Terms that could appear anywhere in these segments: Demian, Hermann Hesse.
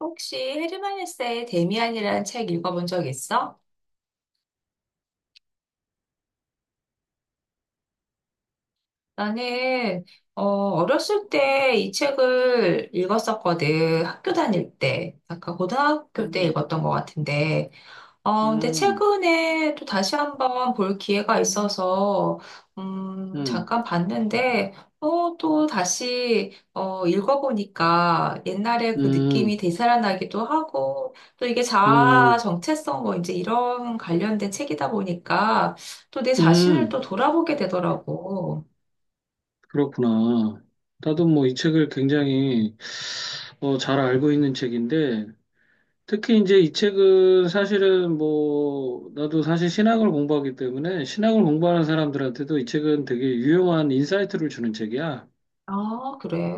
혹시 헤르만에세의 데미안이라는 책 읽어본 적 있어? 나는 어렸을 때 이 책을 읽었었거든. 학교 다닐 때. 아까 고등학교 때 음. 읽었던 것 같은데 근데 음. 최근에 또 다시 한번 볼 기회가 있어서, 잠깐 음. 봤는데, 읽어보니까 옛날에 그 느낌이 음. 되살아나기도 하고, 또 이게 자아 음. 정체성 뭐 이제 이런 관련된 책이다 보니까, 또 내 자신을 또 음. 돌아보게 되더라고. 그렇구나. 나도 뭐 이 책을 굉장히 잘 알고 있는 책인데, 특히 이제 이 책은 사실은 뭐, 나도 사실 신학을 공부하기 때문에 신학을 공부하는 사람들한테도 이 책은 되게 유용한 인사이트를 주는 책이야. 아, 그래?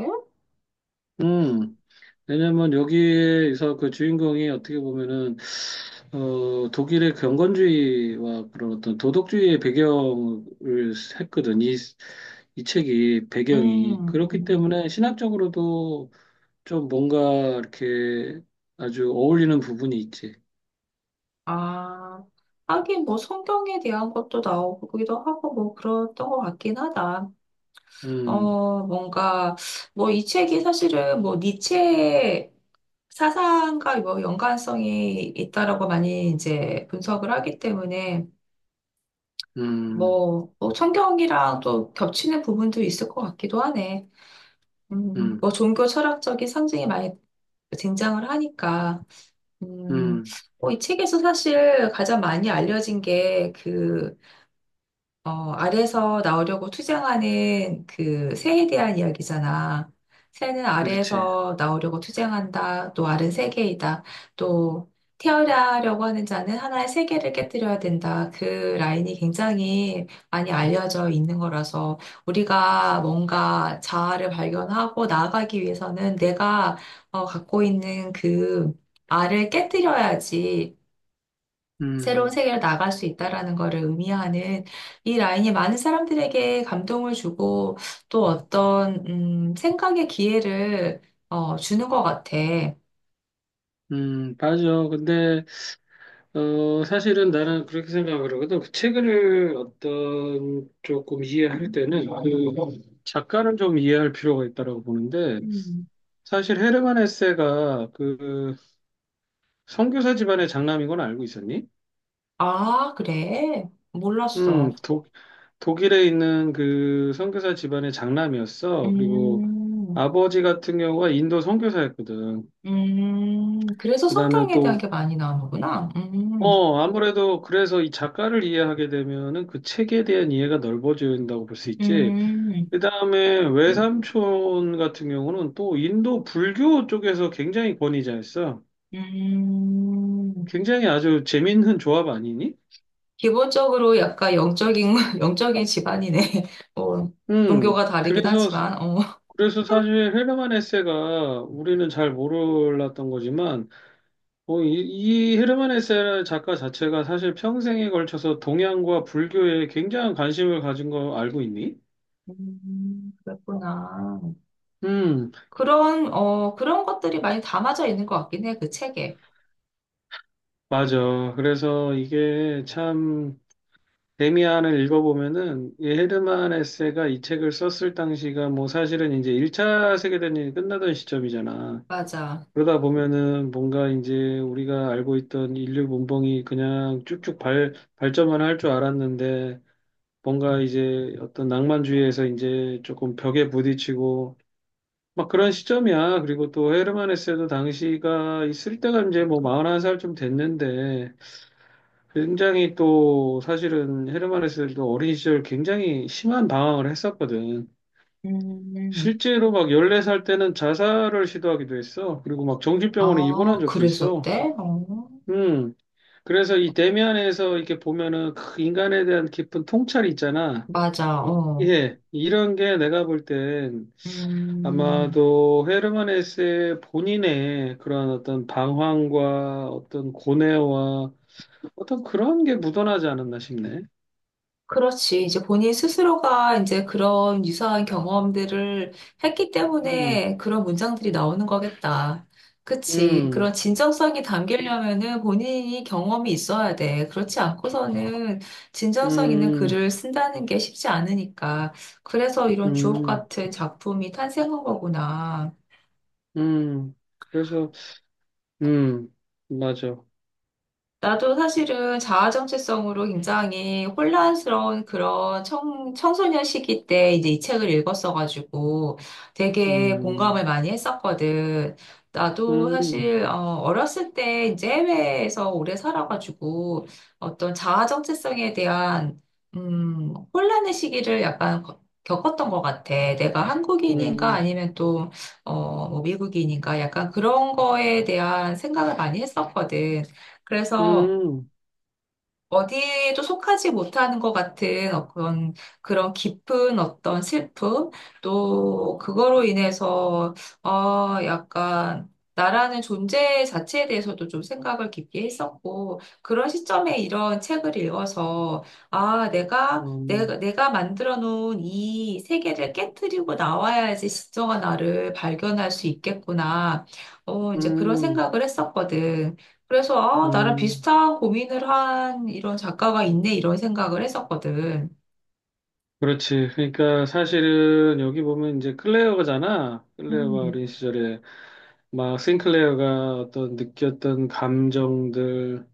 음, 왜냐면 여기에서 그 주인공이 어떻게 보면은 독일의 경건주의와 그런 어떤 도덕주의의 배경을 했거든. 이 책이 배경이. 음, 그렇기 음. 때문에 신학적으로도 좀 뭔가 이렇게 아주 어울리는 부분이 있지. 아, 하긴 뭐 성경에 대한 것도 나오기도 하고 뭐 그랬던 것 같긴 하다. 음. 어, 뭔가, 뭐, 이 책이 사실은 뭐, 니체의 사상과 뭐, 연관성이 있다라고 많이 이제 분석을 하기 때문에, 음. 뭐 성경이랑 또 겹치는 부분도 있을 것 같기도 하네. 음. 뭐, 종교 철학적인 상징이 많이 등장을 하니까, 음, 음. 이 책에서 사실 가장 많이 알려진 게 알에서 나오려고 투쟁하는 그 새에 대한 이야기잖아. 새는 그렇지. 알에서 나오려고 투쟁한다. 또 알은 세계이다. 또 태어나려고 하는 자는 하나의 세계를 깨뜨려야 된다. 그 라인이 굉장히 많이 알려져 있는 거라서 우리가 뭔가 자아를 발견하고 나아가기 위해서는 내가 갖고 있는 그 알을 깨뜨려야지 새로운 음. 세계로 나갈 수 있다라는 것을 의미하는 이 라인이 많은 사람들에게 감동을 주고 또 어떤 생각의 기회를 주는 것 같아. 음. 맞아. 근데, 사실은 나는 그렇게 생각을 하거든. 그 책을 어떤 조금 이해할 때는 그 작가를 좀 이해할 필요가 있다라고 보는데, 음. 사실 헤르만 헤세가 그 선교사 집안의 장남인 건 알고 있었니? 아, 그래? 몰랐어. 음, 독, 독일에 있는 그 선교사 집안의 장남이었어. 그리고 음, 아버지 같은 경우가 인도 선교사였거든. 그래서 그다음에 성경에 대한 또 게 많이 나오는구나. 아무래도 그래서 이 작가를 이해하게 되면은 그 책에 대한 이해가 넓어진다고 볼 수 있지. 음, 그다음에 외삼촌 같은 경우는 또 인도 불교 쪽에서 굉장히 권위자였어. 음. 굉장히 아주 재밌는 조합 아니니? 기본적으로 약간 영적인, 영적인 집안이네. 어, 음. 종교가 다르긴 그래서 하지만, 어. 그래서 사실 헤르만 헤세가 우리는 잘 몰랐던 거지만 이 헤르만 헤세 작가 자체가 사실 평생에 걸쳐서 동양과 불교에 굉장한 관심을 가진 거 알고 있니? 그랬구나. 음, 그런, 그런 것들이 많이 담아져 있는 것 같긴 해, 그 책에. 맞아. 그래서 이게 참 데미안을 읽어보면은 이 헤르만 헤세가 이 책을 썼을 당시가 뭐 사실은 이제 1차 세계대전이 끝나던 시점이잖아. 맞아. 그러다 보면은 뭔가 이제 우리가 알고 있던 인류 문명이 그냥 쭉쭉 발전만 할 줄 알았는데 뭔가 이제 어떤 낭만주의에서 이제 조금 벽에 부딪히고 막 그런 시점이야. 그리고 또 헤르만 헤세도 당시가 있을 때가 이제 뭐 41살 좀 됐는데 굉장히 또 사실은 헤르만 헤세도 어린 시절 굉장히 심한 방황을 했었거든. 음, 실제로 막 14살 때는 자살을 시도하기도 했어. 그리고 막 정신병원에 입원한 아, 적도 있어. 그랬었대? 어, 음. 그래서 이 대면에서 이렇게 보면은 그 인간에 대한 깊은 통찰이 있잖아. 맞아, 어. 예, 이런 게 내가 볼 땐 음. 아마도 헤르만 헤세의 본인의 그런 어떤 방황과 어떤 고뇌와 어떤 그런 게 묻어나지 않았나 싶네. 그렇지. 이제 본인 스스로가 이제 그런 유사한 경험들을 했기 음. 때문에 그런 문장들이 나오는 거겠다. 그치. 그런 음. 진정성이 담기려면은 본인이 경험이 있어야 돼. 그렇지 않고서는 진정성 있는 음. 글을 쓴다는 게 쉽지 않으니까. 그래서 이런 주옥 음. 같은 작품이 탄생한 거구나. 음. 그래서, 음, 맞아. 나도 사실은 자아 정체성으로 굉장히 혼란스러운 그런 청소년 시기 때 이제 이 책을 읽었어가지고 되게 음. 공감을 많이 했었거든. 나도 음. 사실 어렸을 때 이제 해외에서 오래 살아가지고 어떤 자아 정체성에 대한 혼란의 시기를 약간 겪었던 것 같아. 내가 한국인인가 음. 아니면 또 뭐 미국인인가 약간 그런 거에 대한 생각을 많이 했었거든. 그래서 음. 어디에도 속하지 못하는 것 같은 그런, 그런 깊은 어떤 슬픔, 또 그거로 인해서, 어, 약간, 나라는 존재 자체에 대해서도 좀 생각을 깊게 했었고, 그런 시점에 이런 책을 읽어서, 아, 음. 내가 만들어 놓은 이 세계를 깨뜨리고 나와야지 진정한 나를 발견할 수 있겠구나. 어, 이제 그런 음. 생각을 했었거든. 그래서 아, 나랑 음. 비슷한 고민을 한 이런 작가가 있네 이런 생각을 했었거든. 그렇지. 그러니까 사실은 여기 보면 이제 클레어가잖아. 클레어가 음, 어린 시절에 막 싱클레어가 어떤 느꼈던 감정들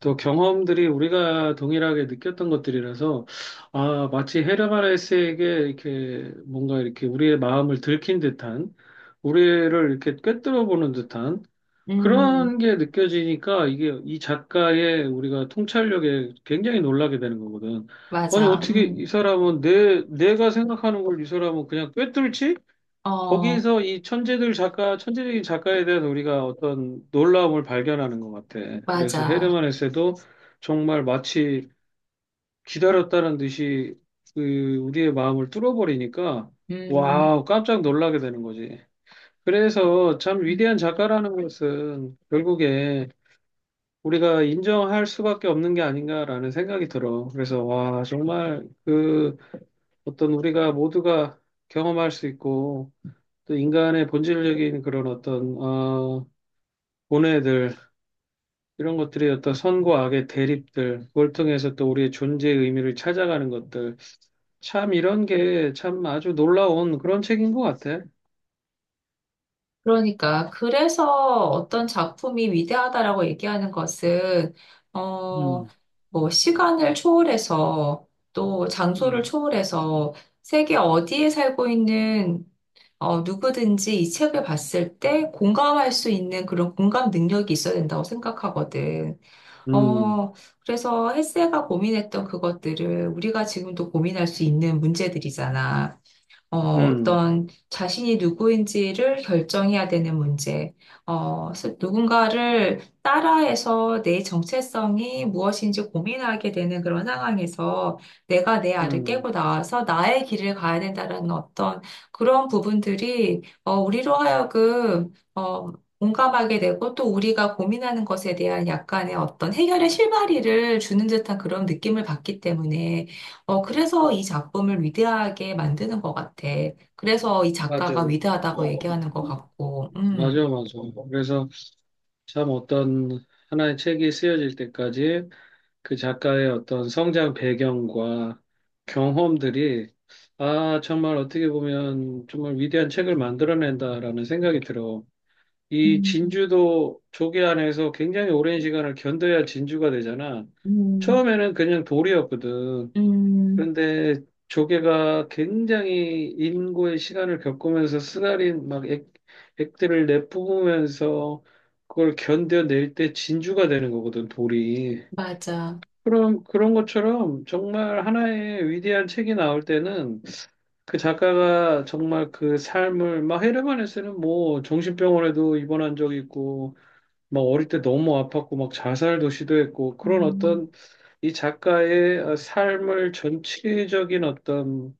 또 경험들이 우리가 동일하게 느꼈던 것들이라서 아, 마치 헤르만헤세에게 이렇게 뭔가 이렇게 우리의 마음을 들킨 듯한 우리를 이렇게 꿰뚫어 보는 듯한 음, 그런 게 느껴지니까 이게 이 작가의 우리가 통찰력에 굉장히 놀라게 되는 거거든. 아니, 맞아. 어떻게 이 사람은 내가 생각하는 걸 이 사람은 그냥 꿰뚫지? 어, 거기에서 이 천재들 작가, 천재적인 작가에 대한 우리가 어떤 놀라움을 발견하는 것 같아. 그래서 맞아. 헤르만 헤세도 정말 마치 기다렸다는 듯이 그 우리의 마음을 뚫어버리니까 음, 와우, 깜짝 놀라게 되는 거지. 그래서 참 위대한 작가라는 것은 결국에 우리가 인정할 수밖에 없는 게 아닌가라는 생각이 들어. 그래서, 와, 정말 그 어떤 우리가 모두가 경험할 수 있고, 또 인간의 본질적인 그런 어떤, 본애들, 이런 것들이 어떤 선과 악의 대립들, 그걸 통해서 또 우리의 존재의 의미를 찾아가는 것들. 참 이런 게 참 아주 놀라운 그런 책인 것 같아. 그러니까 그래서 어떤 작품이 위대하다라고 얘기하는 것은 어, 음. 뭐 시간을 초월해서 또 장소를 음. 초월해서 세계 어디에 살고 있는 누구든지 이 책을 봤을 때 공감할 수 있는 그런 공감 능력이 있어야 된다고 생각하거든. 음. 어, 그래서 헬세가 고민했던 그것들을 우리가 지금도 고민할 수 있는 문제들이잖아. 어, 음. 어떤 자신이 누구인지를 결정해야 되는 문제, 누군가를 따라해서 내 정체성이 무엇인지 고민하게 되는 그런 상황에서 내가 내 알을 음. 깨고 나와서 나의 길을 가야 된다는 어떤 그런 부분들이 우리로 하여금 공감하게 되고 또 우리가 고민하는 것에 대한 약간의 어떤 해결의 실마리를 주는 듯한 그런 느낌을 받기 때문에 어, 그래서 이 작품을 위대하게 만드는 것 같아. 그래서 이 작가가 맞아. 위대하다고 얘기하는 것 같고, 맞아, 맞아. 그래서, 참 어떤 하나의 책이 쓰여질 때까지 그 작가의 어떤 성장 배경과 경험들이 아, 정말 어떻게 보면 정말 위대한 책을 만들어낸다라는 생각이 들어. 이 음, 진주도 조개 안에서 굉장히 오랜 시간을 견뎌야 진주가 되잖아. 음, 처음에는 그냥 돌이었거든. 음, 그런데 조개가 굉장히 인고의 시간을 겪으면서 쓰라린 막 액들을 내뿜으면서 그걸 견뎌낼 때 진주가 되는 거거든, 돌이. 맞아. 그럼 그런 것처럼 정말 하나의 위대한 책이 나올 때는 그 작가가 정말 그 삶을 막 헤르만에서는 뭐 정신병원에도 입원한 적이 있고 막 어릴 때 너무 아팠고 막 자살도 시도했고 그런 음, 어떤 이 작가의 삶을 전체적인 어떤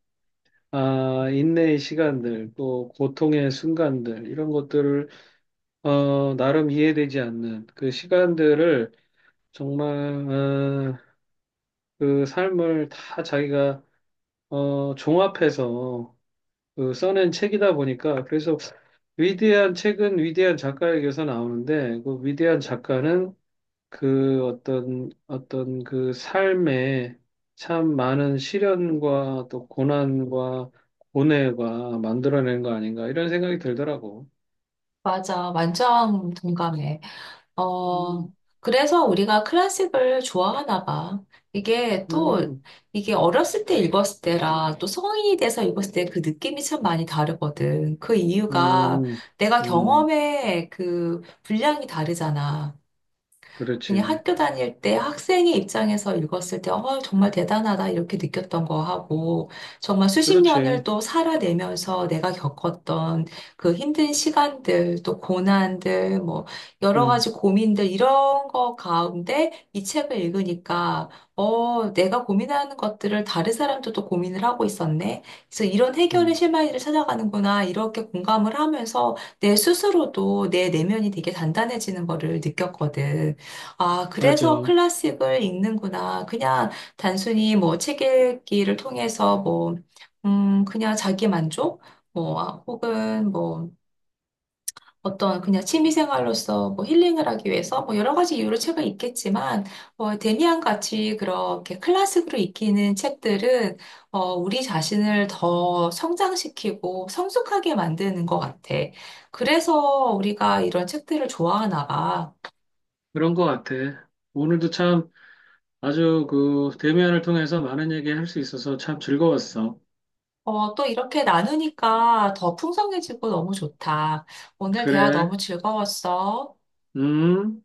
아, 인내의 시간들, 또 고통의 순간들, 이런 것들을, 나름 이해되지 않는 그 시간들을 정말, 그 삶을 다 자기가, 종합해서 그 써낸 책이다 보니까, 그래서 위대한 책은 위대한 작가에게서 나오는데, 그 위대한 작가는 그 어떤 그 삶에 참 많은 시련과 또 고난과 고뇌가 만들어낸 거 아닌가 이런 생각이 들더라고. 맞아. 완전 동감해. 어, 음. 그래서 우리가 클래식을 좋아하나 봐. 이게 또, 음. 이게 어렸을 때 읽었을 때랑 또 성인이 돼서 읽었을 때 그 느낌이 참 많이 다르거든. 그 이유가 음. 내가 음. 경험의 그 분량이 다르잖아. 그냥 그렇지. 학교 다닐 때 학생의 입장에서 읽었을 때, 어, 정말 대단하다, 이렇게 느꼈던 거 하고, 정말 수십 년을 그렇지. 또 살아내면서 내가 겪었던 그 힘든 시간들, 또 고난들, 뭐, 여러 음. 가지 고민들, 이런 거 가운데 이 책을 읽으니까, 어, 내가 고민하는 것들을 다른 사람도 또 고민을 하고 있었네. 그래서 이런 해결의 음. 실마리를 찾아가는구나, 이렇게 공감을 하면서 내 스스로도 내 내면이 되게 단단해지는 거를 느꼈거든. 아, 그래서 맞아. 클래식을 읽는구나. 그냥 단순히 뭐 책 읽기를 통해서 뭐, 그냥 자기 만족? 뭐, 아, 혹은 뭐 어떤 그냥 취미생활로서 뭐 힐링을 하기 위해서 뭐 여러 가지 이유로 책을 읽겠지만, 어, 데미안 같이 그렇게 클래식으로 읽히는 책들은, 어, 우리 자신을 더 성장시키고 성숙하게 만드는 것 같아. 그래서 우리가 이런 책들을 좋아하나 봐. 그런 거 같아. 오늘도 참 아주 그 대면을 통해서 많은 얘기 할 수 있어서 참 즐거웠어. 어, 또 이렇게 나누니까 더 풍성해지고 너무 좋다. 오늘 대화 그래, 너무 즐거웠어. 음.